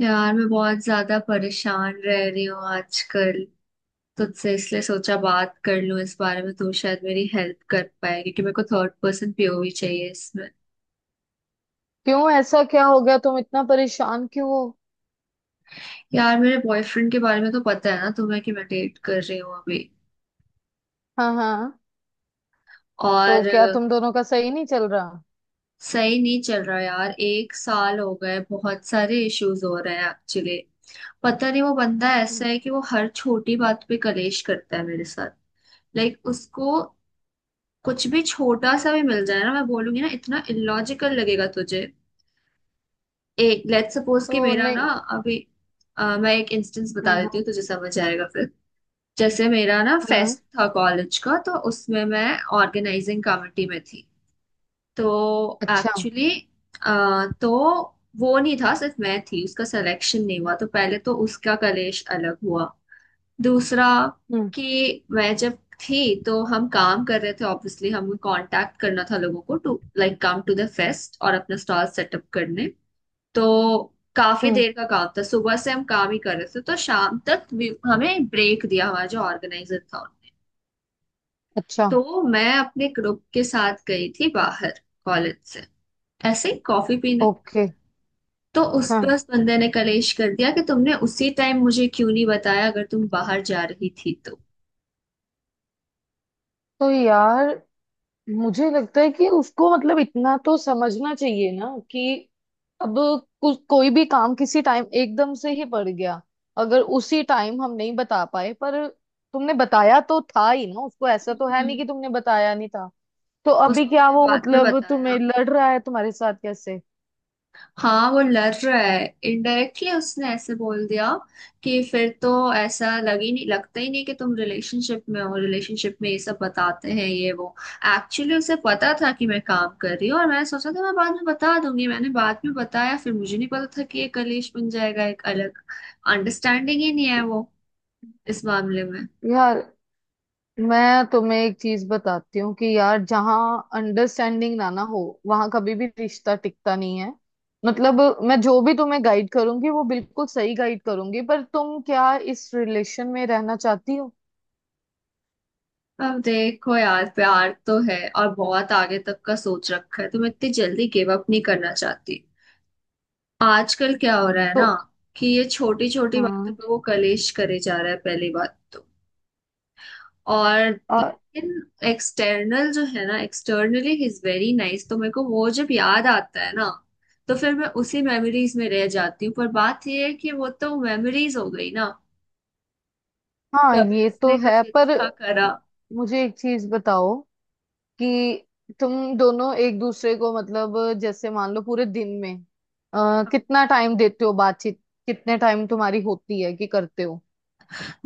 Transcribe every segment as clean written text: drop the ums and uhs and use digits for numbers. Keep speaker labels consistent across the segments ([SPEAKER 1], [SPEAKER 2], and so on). [SPEAKER 1] यार मैं बहुत ज्यादा परेशान रह रही हूँ आजकल। तुझसे इसलिए सोचा बात कर लूँ इस बारे में। तू शायद मेरी हेल्प कर पाए क्योंकि मेरे को थर्ड पर्सन पीओवी चाहिए इसमें।
[SPEAKER 2] क्यों ऐसा क्या हो गया? तुम इतना परेशान क्यों हो?
[SPEAKER 1] यार मेरे बॉयफ्रेंड के बारे में तो पता है ना तुम्हें कि मैं डेट कर रही हूँ अभी।
[SPEAKER 2] हाँ हाँ। तो
[SPEAKER 1] और
[SPEAKER 2] क्या तुम दोनों का सही नहीं चल रहा?
[SPEAKER 1] सही नहीं चल रहा यार। एक साल हो गए, बहुत सारे इश्यूज हो रहे हैं एक्चुअली। पता नहीं, वो बंदा ऐसा
[SPEAKER 2] हम्म,
[SPEAKER 1] है कि वो हर छोटी बात पे कलेश करता है मेरे साथ। लाइक उसको कुछ भी छोटा सा भी मिल जाए ना, मैं बोलूंगी ना इतना इलॉजिकल लगेगा तुझे। एक लेट्स सपोज कि
[SPEAKER 2] तो
[SPEAKER 1] मेरा ना
[SPEAKER 2] नहीं।
[SPEAKER 1] अभी मैं एक इंस्टेंस बता
[SPEAKER 2] हाँ
[SPEAKER 1] देती
[SPEAKER 2] हाँ
[SPEAKER 1] हूँ तुझे समझ आएगा फिर। जैसे मेरा ना
[SPEAKER 2] हाँ।
[SPEAKER 1] फेस्ट था कॉलेज का, तो उसमें मैं ऑर्गेनाइजिंग कमेटी में थी। तो
[SPEAKER 2] अच्छा।
[SPEAKER 1] एक्चुअली तो वो नहीं था, सिर्फ मैं थी, उसका सिलेक्शन नहीं हुआ तो पहले तो उसका कलेश अलग हुआ। दूसरा
[SPEAKER 2] हम्म।
[SPEAKER 1] कि मैं जब थी तो हम काम कर रहे थे। ऑब्वियसली हमें कांटेक्ट करना था लोगों को to like come to the fest और अपना स्टॉल सेटअप करने। तो काफी
[SPEAKER 2] हम्म।
[SPEAKER 1] देर का काम था, सुबह से हम काम ही कर रहे थे, तो शाम तक भी हमें ब्रेक दिया हमारा जो ऑर्गेनाइजर था उन्होंने।
[SPEAKER 2] अच्छा।
[SPEAKER 1] तो मैं अपने ग्रुप के साथ गई थी बाहर, कॉलेज से, ऐसे ही कॉफी पीने।
[SPEAKER 2] ओके।
[SPEAKER 1] तो उस पर
[SPEAKER 2] हाँ।
[SPEAKER 1] उस बंदे ने कलेश कर दिया कि तुमने उसी टाइम मुझे क्यों नहीं बताया अगर तुम बाहर जा रही थी।
[SPEAKER 2] तो यार मुझे लगता है कि उसको मतलब इतना तो समझना चाहिए ना कि अब कुछ कोई भी काम किसी टाइम एकदम से ही पड़ गया, अगर उसी टाइम हम नहीं बता पाए, पर तुमने बताया तो था ही ना उसको, ऐसा तो है
[SPEAKER 1] तो
[SPEAKER 2] नहीं कि तुमने बताया नहीं था। तो अभी
[SPEAKER 1] उसको
[SPEAKER 2] क्या
[SPEAKER 1] मैंने
[SPEAKER 2] वो
[SPEAKER 1] बाद में
[SPEAKER 2] मतलब तुम्हें
[SPEAKER 1] बताया।
[SPEAKER 2] लड़ रहा है तुम्हारे साथ? कैसे?
[SPEAKER 1] हाँ, वो लड़ रहा है। इनडायरेक्टली उसने ऐसे बोल दिया कि फिर तो ऐसा लग ही नहीं लगता ही नहीं कि तुम रिलेशनशिप में हो, रिलेशनशिप में ये सब बताते हैं ये वो। एक्चुअली उसे पता था कि मैं काम कर रही हूँ और मैंने सोचा था मैं बाद में बता दूंगी। मैंने बाद में बताया, फिर मुझे नहीं पता था कि ये कलेश बन जाएगा एक अलग। अंडरस्टैंडिंग ही नहीं है वो इस मामले में।
[SPEAKER 2] यार मैं तुम्हें एक चीज बताती हूँ कि यार जहाँ अंडरस्टैंडिंग ना ना हो, वहां कभी भी रिश्ता टिकता नहीं है। मतलब मैं जो भी तुम्हें गाइड करूंगी वो बिल्कुल सही गाइड करूंगी, पर तुम क्या इस रिलेशन में रहना चाहती हो?
[SPEAKER 1] अब देखो यार, प्यार तो है और बहुत आगे तक का सोच रखा है, तुम इतनी जल्दी गिव अप नहीं करना चाहती। आजकल क्या हो रहा है
[SPEAKER 2] तो
[SPEAKER 1] ना कि ये छोटी छोटी बातों
[SPEAKER 2] हाँ
[SPEAKER 1] पे वो कलेश करे जा रहा है पहली बात तो। और
[SPEAKER 2] आ,
[SPEAKER 1] लेकिन एक्सटर्नल जो है ना, एक्सटर्नली ही इज वेरी नाइस, तो मेरे को वो जब याद आता है ना तो फिर मैं उसी मेमोरीज में रह जाती हूँ। पर बात ये है कि वो तो मेमोरीज हो गई ना।
[SPEAKER 2] हाँ
[SPEAKER 1] कभी
[SPEAKER 2] ये
[SPEAKER 1] उसने
[SPEAKER 2] तो
[SPEAKER 1] कुछ
[SPEAKER 2] है, पर
[SPEAKER 1] अच्छा करा।
[SPEAKER 2] मुझे एक चीज बताओ कि तुम दोनों एक दूसरे को मतलब जैसे मान लो पूरे दिन में कितना टाइम देते हो बातचीत? कितने टाइम तुम्हारी होती है कि करते हो?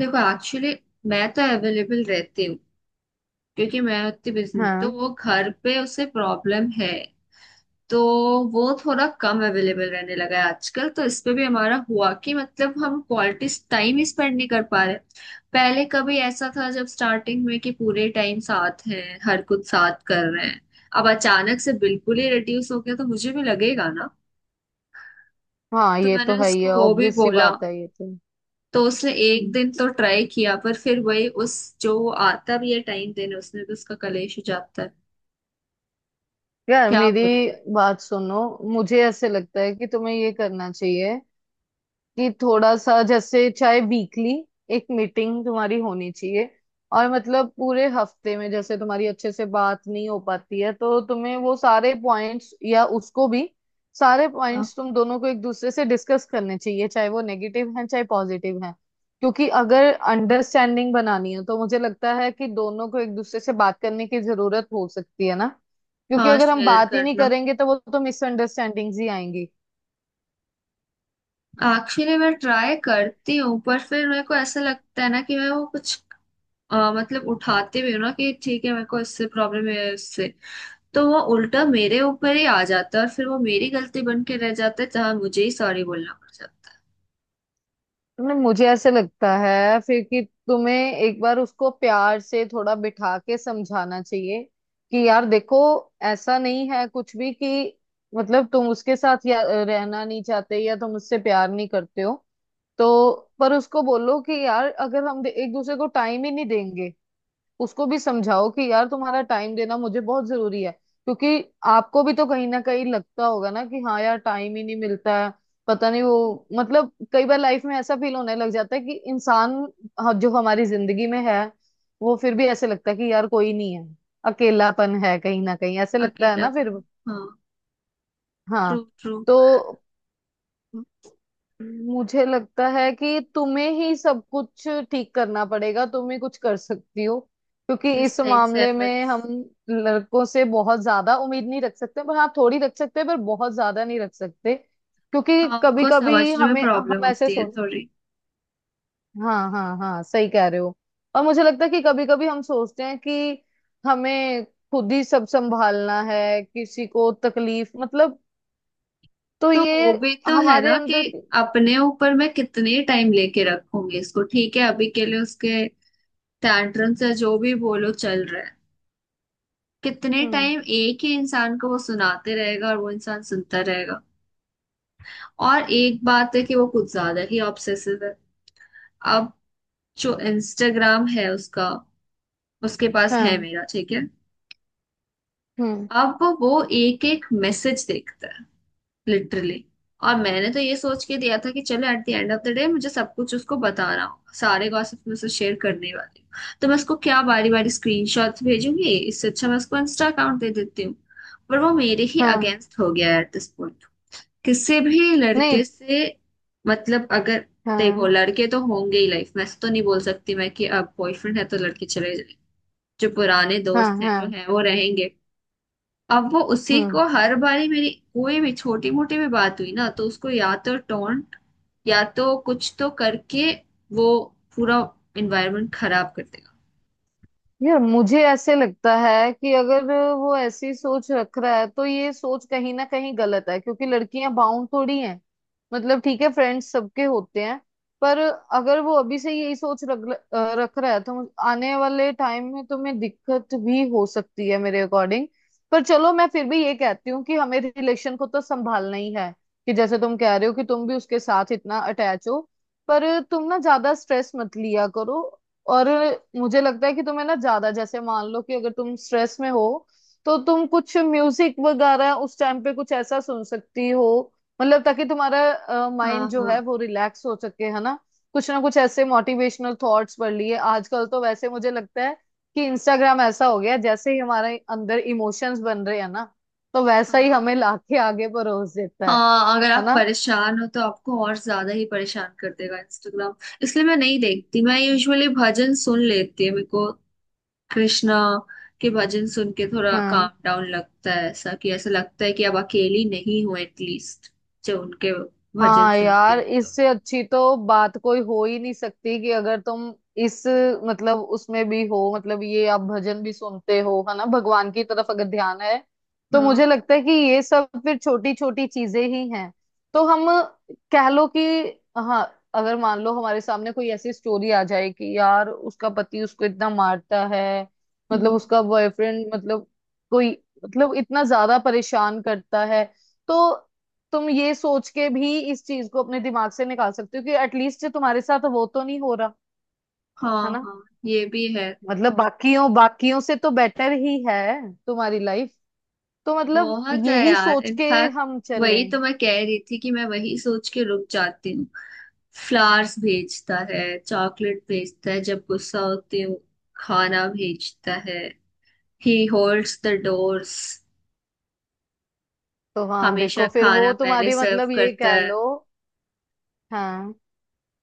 [SPEAKER 1] देखो एक्चुअली मैं तो अवेलेबल रहती हूँ क्योंकि मैं उतनी बिजी तो
[SPEAKER 2] हाँ
[SPEAKER 1] वो घर पे उसे प्रॉब्लम है। तो वो थोड़ा कम अवेलेबल रहने लगा है आजकल, तो इस पे भी हमारा हुआ कि मतलब हम क्वालिटी टाइम ही स्पेंड नहीं कर पा रहे। पहले कभी ऐसा था जब स्टार्टिंग में कि पूरे टाइम साथ हैं, हर कुछ साथ कर रहे हैं। अब अचानक से बिल्कुल ही रिड्यूस हो गया तो मुझे भी लगेगा ना।
[SPEAKER 2] हाँ
[SPEAKER 1] तो
[SPEAKER 2] ये
[SPEAKER 1] मैंने
[SPEAKER 2] तो है ही
[SPEAKER 1] उसको
[SPEAKER 2] है,
[SPEAKER 1] वो भी
[SPEAKER 2] ऑब्वियस सी
[SPEAKER 1] बोला।
[SPEAKER 2] बात है ये तो।
[SPEAKER 1] तो उसने एक
[SPEAKER 2] हम्म,
[SPEAKER 1] दिन तो ट्राई किया पर फिर वही उस जो आता भी है टाइम देने उसने भी उसका कलेश हो जाता है।
[SPEAKER 2] यार
[SPEAKER 1] क्या
[SPEAKER 2] मेरी
[SPEAKER 1] बोलूं मैं।
[SPEAKER 2] बात सुनो, मुझे ऐसे लगता है कि तुम्हें ये करना चाहिए कि थोड़ा सा जैसे चाहे वीकली एक मीटिंग तुम्हारी होनी चाहिए। और मतलब पूरे हफ्ते में जैसे तुम्हारी अच्छे से बात नहीं हो पाती है, तो तुम्हें वो सारे पॉइंट्स या उसको भी सारे
[SPEAKER 1] हाँ
[SPEAKER 2] पॉइंट्स तुम दोनों को एक दूसरे से डिस्कस करने चाहिए, चाहे वो नेगेटिव हैं चाहे पॉजिटिव हैं। क्योंकि अगर अंडरस्टैंडिंग बनानी है तो मुझे लगता है कि दोनों को एक दूसरे से बात करने की जरूरत हो सकती है ना, क्योंकि
[SPEAKER 1] हाँ,
[SPEAKER 2] अगर हम
[SPEAKER 1] शेयर
[SPEAKER 2] बात ही नहीं
[SPEAKER 1] करना।
[SPEAKER 2] करेंगे तो वो तो मिसअंडरस्टैंडिंग्स ही आएंगी।
[SPEAKER 1] एक्चुअली मैं ट्राई करती हूँ पर फिर मेरे को ऐसा लगता है ना कि मैं वो कुछ मतलब उठाते भी हूँ ना कि ठीक है मेरे को इससे प्रॉब्लम है, इससे। तो वो उल्टा मेरे ऊपर ही आ जाता है और फिर वो मेरी गलती बन के रह जाता है जहाँ मुझे ही सॉरी बोलना पड़ जाता है।
[SPEAKER 2] नहीं, मुझे ऐसे लगता है फिर कि तुम्हें एक बार उसको प्यार से थोड़ा बिठा के समझाना चाहिए कि यार देखो, ऐसा नहीं है कुछ भी कि मतलब तुम उसके साथ या रहना नहीं चाहते या तुम उससे प्यार नहीं करते हो। तो पर उसको बोलो कि यार अगर हम एक दूसरे को टाइम ही नहीं देंगे। उसको भी समझाओ कि यार तुम्हारा टाइम देना मुझे बहुत जरूरी है, क्योंकि आपको भी तो कहीं ना कहीं लगता होगा ना कि हाँ यार टाइम ही नहीं मिलता है। पता नहीं वो मतलब कई बार लाइफ में ऐसा फील होने लग जाता है कि इंसान, हाँ, जो हमारी जिंदगी में है वो फिर भी ऐसे लगता है कि यार कोई नहीं है। अकेलापन है कहीं ना कहीं ऐसे लगता है ना फिर।
[SPEAKER 1] अकेलापन। हाँ। ट्रू
[SPEAKER 2] हाँ।
[SPEAKER 1] ट्रू।
[SPEAKER 2] तो मुझे लगता है कि तुम्हें ही सब कुछ ठीक करना पड़ेगा, तुम ही कुछ कर सकती हो। क्योंकि
[SPEAKER 1] इस
[SPEAKER 2] इस
[SPEAKER 1] साइड से
[SPEAKER 2] मामले में
[SPEAKER 1] एफर्ट्स।
[SPEAKER 2] हम लड़कों से बहुत ज्यादा उम्मीद नहीं रख सकते, पर हाँ थोड़ी रख सकते हैं पर बहुत ज्यादा नहीं रख सकते, क्योंकि
[SPEAKER 1] हाँ,
[SPEAKER 2] कभी
[SPEAKER 1] उनको
[SPEAKER 2] कभी
[SPEAKER 1] समझने में
[SPEAKER 2] हमें
[SPEAKER 1] प्रॉब्लम
[SPEAKER 2] हम ऐसे
[SPEAKER 1] होती है
[SPEAKER 2] सोच।
[SPEAKER 1] थोड़ी।
[SPEAKER 2] हाँ हाँ हाँ सही कह रहे हो। और मुझे लगता है कि कभी कभी हम सोचते हैं कि हमें खुद ही सब संभालना है, किसी को तकलीफ मतलब। तो
[SPEAKER 1] तो
[SPEAKER 2] ये
[SPEAKER 1] वो भी तो है
[SPEAKER 2] हमारे
[SPEAKER 1] ना कि
[SPEAKER 2] अंदर की-।
[SPEAKER 1] अपने ऊपर मैं कितने टाइम लेके रखूंगी इसको। ठीक है अभी के लिए उसके टैंट्रम से जो भी बोलो चल रहा है। कितने
[SPEAKER 2] हम्म।
[SPEAKER 1] टाइम एक ही इंसान को वो सुनाते रहेगा और वो इंसान सुनता रहेगा। और एक बात है कि वो कुछ ज्यादा ही ऑब्सेसिव है। अब जो इंस्टाग्राम है उसका, उसके पास है
[SPEAKER 2] हाँ।
[SPEAKER 1] मेरा, ठीक है।
[SPEAKER 2] हम्म।
[SPEAKER 1] अब वो एक एक मैसेज देखता है, लिटरली। और मैंने तो ये सोच के दिया था कि चलो at the end of the day मुझे सब कुछ उसको बताना होगा, सारे गॉसिप में से शेयर करने वाली हूँ तो मैं उसको क्या बारी बारी स्क्रीनशॉट्स भेजूंगी, इससे अच्छा मैं उसको इंस्टा अकाउंट दे देती हूँ। पर वो मेरे ही
[SPEAKER 2] हाँ।
[SPEAKER 1] अगेंस्ट हो गया है एट दिस पॉइंट। किसी भी
[SPEAKER 2] नहीं।
[SPEAKER 1] लड़के से मतलब अगर। देखो
[SPEAKER 2] हाँ।
[SPEAKER 1] लड़के तो होंगे ही लाइफ में, ऐसा तो नहीं बोल सकती मैं कि अब बॉयफ्रेंड है तो लड़के चले जाए। जो पुराने
[SPEAKER 2] हाँ।
[SPEAKER 1] दोस्त हैं जो
[SPEAKER 2] हाँ।
[SPEAKER 1] हैं वो रहेंगे। अब वो उसी
[SPEAKER 2] हम्म।
[SPEAKER 1] को हर बारी मेरी कोई भी छोटी मोटी भी बात हुई ना तो उसको या तो टोंट या तो कुछ तो करके वो पूरा इन्वायरमेंट खराब कर देगा।
[SPEAKER 2] यार मुझे ऐसे लगता है कि अगर वो ऐसी सोच रख रहा है तो ये सोच कहीं ना कहीं गलत है, क्योंकि लड़कियां बाउंड थोड़ी हैं। मतलब ठीक है, फ्रेंड्स सबके होते हैं, पर अगर वो अभी से यही सोच रख रख रहा है तो आने वाले टाइम में तुम्हें दिक्कत भी हो सकती है मेरे अकॉर्डिंग। पर चलो मैं फिर भी ये कहती हूँ कि हमें रिलेशन को तो संभालना ही है। कि जैसे तुम कह रहे हो कि तुम भी उसके साथ इतना अटैच हो, पर तुम ना ज्यादा स्ट्रेस मत लिया करो। और मुझे लगता है कि तुम्हें ना ज्यादा जैसे मान लो कि अगर तुम स्ट्रेस में हो, तो तुम कुछ म्यूजिक वगैरह उस टाइम पे कुछ ऐसा सुन सकती हो, मतलब ताकि तुम्हारा
[SPEAKER 1] हाँ
[SPEAKER 2] माइंड जो
[SPEAKER 1] हाँ
[SPEAKER 2] है वो रिलैक्स हो सके, है ना? कुछ ना कुछ ऐसे मोटिवेशनल थॉट्स पढ़ लिए। आजकल तो वैसे मुझे लगता है कि इंस्टाग्राम ऐसा हो गया है, जैसे ही हमारे अंदर इमोशंस बन रहे हैं ना, तो वैसा ही
[SPEAKER 1] हाँ
[SPEAKER 2] हमें लाके आगे परोस देता है।
[SPEAKER 1] हाँ। अगर
[SPEAKER 2] है
[SPEAKER 1] आप
[SPEAKER 2] ना?
[SPEAKER 1] परेशान हो तो आपको और ज्यादा ही परेशान कर देगा इंस्टाग्राम। इसलिए मैं नहीं देखती, मैं यूजुअली भजन सुन लेती है मेरे को। कृष्णा के भजन सुन के थोड़ा
[SPEAKER 2] हाँ
[SPEAKER 1] काम डाउन लगता है, ऐसा कि ऐसा लगता है कि अब अकेली नहीं हूँ एटलीस्ट जब उनके भजन
[SPEAKER 2] हाँ।
[SPEAKER 1] सुनती
[SPEAKER 2] यार
[SPEAKER 1] हूँ तो।
[SPEAKER 2] इससे अच्छी तो बात कोई हो ही नहीं सकती कि अगर तुम इस मतलब उसमें भी हो, मतलब ये आप भजन भी सुनते हो। है ना? भगवान की तरफ अगर ध्यान है तो
[SPEAKER 1] हाँ।
[SPEAKER 2] मुझे लगता है कि ये सब फिर छोटी छोटी चीजें ही हैं। तो हम कह लो कि हाँ, अगर मान लो हमारे सामने कोई ऐसी स्टोरी आ जाए कि यार उसका पति उसको इतना मारता है, मतलब
[SPEAKER 1] हम्म।
[SPEAKER 2] उसका बॉयफ्रेंड, मतलब कोई, मतलब इतना ज्यादा परेशान करता है, तो तुम ये सोच के भी इस चीज को अपने दिमाग से निकाल सकते हो कि एटलीस्ट तुम्हारे साथ वो तो नहीं हो रहा। है
[SPEAKER 1] हाँ
[SPEAKER 2] ना?
[SPEAKER 1] हाँ। ये भी है।
[SPEAKER 2] मतलब, हम्म, बाकियों बाकियों से तो बेटर ही है तुम्हारी लाइफ। तो मतलब
[SPEAKER 1] बहुत है
[SPEAKER 2] यही
[SPEAKER 1] यार
[SPEAKER 2] सोच के
[SPEAKER 1] इनफैक्ट।
[SPEAKER 2] हम
[SPEAKER 1] वही
[SPEAKER 2] चलें।
[SPEAKER 1] तो मैं कह रही थी कि मैं वही सोच के रुक जाती हूँ। फ्लावर्स भेजता है, चॉकलेट भेजता है जब गुस्सा होती हूँ, खाना भेजता है। ही होल्ड्स द डोर्स।
[SPEAKER 2] तो हाँ
[SPEAKER 1] हमेशा
[SPEAKER 2] देखो फिर
[SPEAKER 1] खाना
[SPEAKER 2] वो
[SPEAKER 1] पहले
[SPEAKER 2] तुम्हारी
[SPEAKER 1] सर्व
[SPEAKER 2] मतलब ये
[SPEAKER 1] करता
[SPEAKER 2] कह
[SPEAKER 1] है।
[SPEAKER 2] लो। हाँ,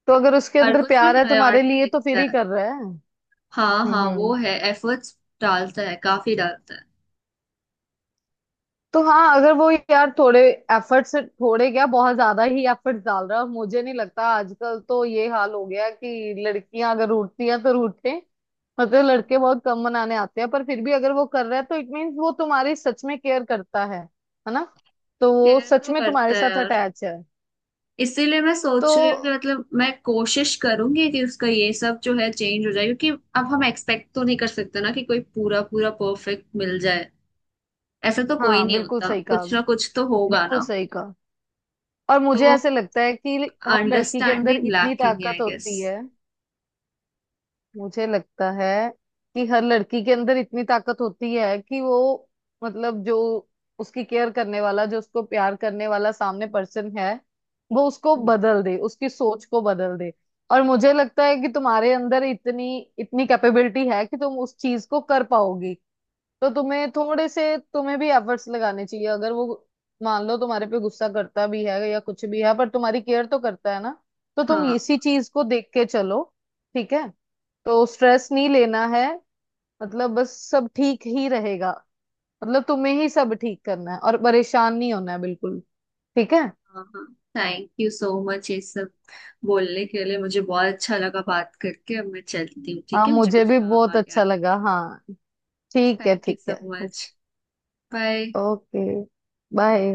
[SPEAKER 2] तो अगर उसके
[SPEAKER 1] हर
[SPEAKER 2] अंदर
[SPEAKER 1] कुछ में
[SPEAKER 2] प्यार है तुम्हारे
[SPEAKER 1] प्रायोरिटी
[SPEAKER 2] लिए तो
[SPEAKER 1] दिखता
[SPEAKER 2] फिर ही
[SPEAKER 1] है।
[SPEAKER 2] कर रहा है।
[SPEAKER 1] हाँ
[SPEAKER 2] हम्म।
[SPEAKER 1] हाँ, वो
[SPEAKER 2] हम्म।
[SPEAKER 1] है, एफर्ट्स डालता है, काफी डालता है।
[SPEAKER 2] तो हाँ अगर वो यार थोड़े एफर्ट से थोड़े क्या बहुत ज्यादा ही एफर्ट डाल रहा है, और मुझे नहीं लगता, आजकल तो ये हाल हो गया कि लड़कियां अगर रूठती हैं तो रूठे, मतलब लड़के बहुत कम मनाने आते हैं, पर फिर भी अगर वो कर रहा है तो इट मीन्स वो तुम्हारी सच में केयर करता है। है ना? तो वो
[SPEAKER 1] केयर
[SPEAKER 2] सच
[SPEAKER 1] तो
[SPEAKER 2] में तुम्हारे
[SPEAKER 1] करता है
[SPEAKER 2] साथ
[SPEAKER 1] यार।
[SPEAKER 2] अटैच है।
[SPEAKER 1] इसीलिए मैं
[SPEAKER 2] तो
[SPEAKER 1] सोच रही हूँ कि मतलब मैं कोशिश करूंगी कि उसका ये सब जो है चेंज हो जाए क्योंकि अब हम एक्सपेक्ट तो नहीं कर सकते ना कि कोई पूरा पूरा परफेक्ट मिल जाए। ऐसा तो कोई
[SPEAKER 2] हाँ
[SPEAKER 1] नहीं
[SPEAKER 2] बिल्कुल
[SPEAKER 1] होता,
[SPEAKER 2] सही कहा।
[SPEAKER 1] कुछ ना कुछ तो होगा
[SPEAKER 2] बिल्कुल
[SPEAKER 1] ना।
[SPEAKER 2] सही कहा। और
[SPEAKER 1] तो
[SPEAKER 2] मुझे ऐसे लगता है कि हर लड़की के अंदर
[SPEAKER 1] अंडरस्टैंडिंग
[SPEAKER 2] इतनी
[SPEAKER 1] लैकिंग है
[SPEAKER 2] ताकत
[SPEAKER 1] आई गेस।
[SPEAKER 2] होती है। मुझे लगता है कि हर लड़की के अंदर इतनी ताकत होती है कि वो मतलब जो उसकी केयर करने वाला, जो उसको प्यार करने वाला सामने पर्सन है, वो उसको बदल दे, उसकी सोच को बदल दे। और मुझे लगता है कि तुम्हारे अंदर इतनी इतनी कैपेबिलिटी है कि तुम उस चीज को कर पाओगी। तो तुम्हें थोड़े से तुम्हें भी एफर्ट्स लगाने चाहिए, अगर वो मान लो तुम्हारे पे गुस्सा करता भी है या कुछ भी है, पर तुम्हारी केयर तो करता है ना। तो तुम
[SPEAKER 1] हाँ
[SPEAKER 2] इसी चीज को देख के चलो। ठीक है? तो स्ट्रेस नहीं लेना है, मतलब बस सब ठीक ही रहेगा। मतलब तुम्हें ही सब ठीक करना है और परेशान नहीं होना है बिल्कुल। ठीक है?
[SPEAKER 1] हाँ हाँ। थैंक यू सो मच ये सब बोलने के लिए, मुझे बहुत अच्छा लगा बात करके। अब मैं चलती हूँ
[SPEAKER 2] हाँ
[SPEAKER 1] ठीक है, मुझे
[SPEAKER 2] मुझे
[SPEAKER 1] कुछ
[SPEAKER 2] भी
[SPEAKER 1] काम
[SPEAKER 2] बहुत
[SPEAKER 1] आ
[SPEAKER 2] अच्छा
[SPEAKER 1] गया।
[SPEAKER 2] लगा, हाँ। ठीक है,
[SPEAKER 1] थैंक यू
[SPEAKER 2] ठीक
[SPEAKER 1] सो
[SPEAKER 2] है।
[SPEAKER 1] मच। बाय।
[SPEAKER 2] ओके। बाय।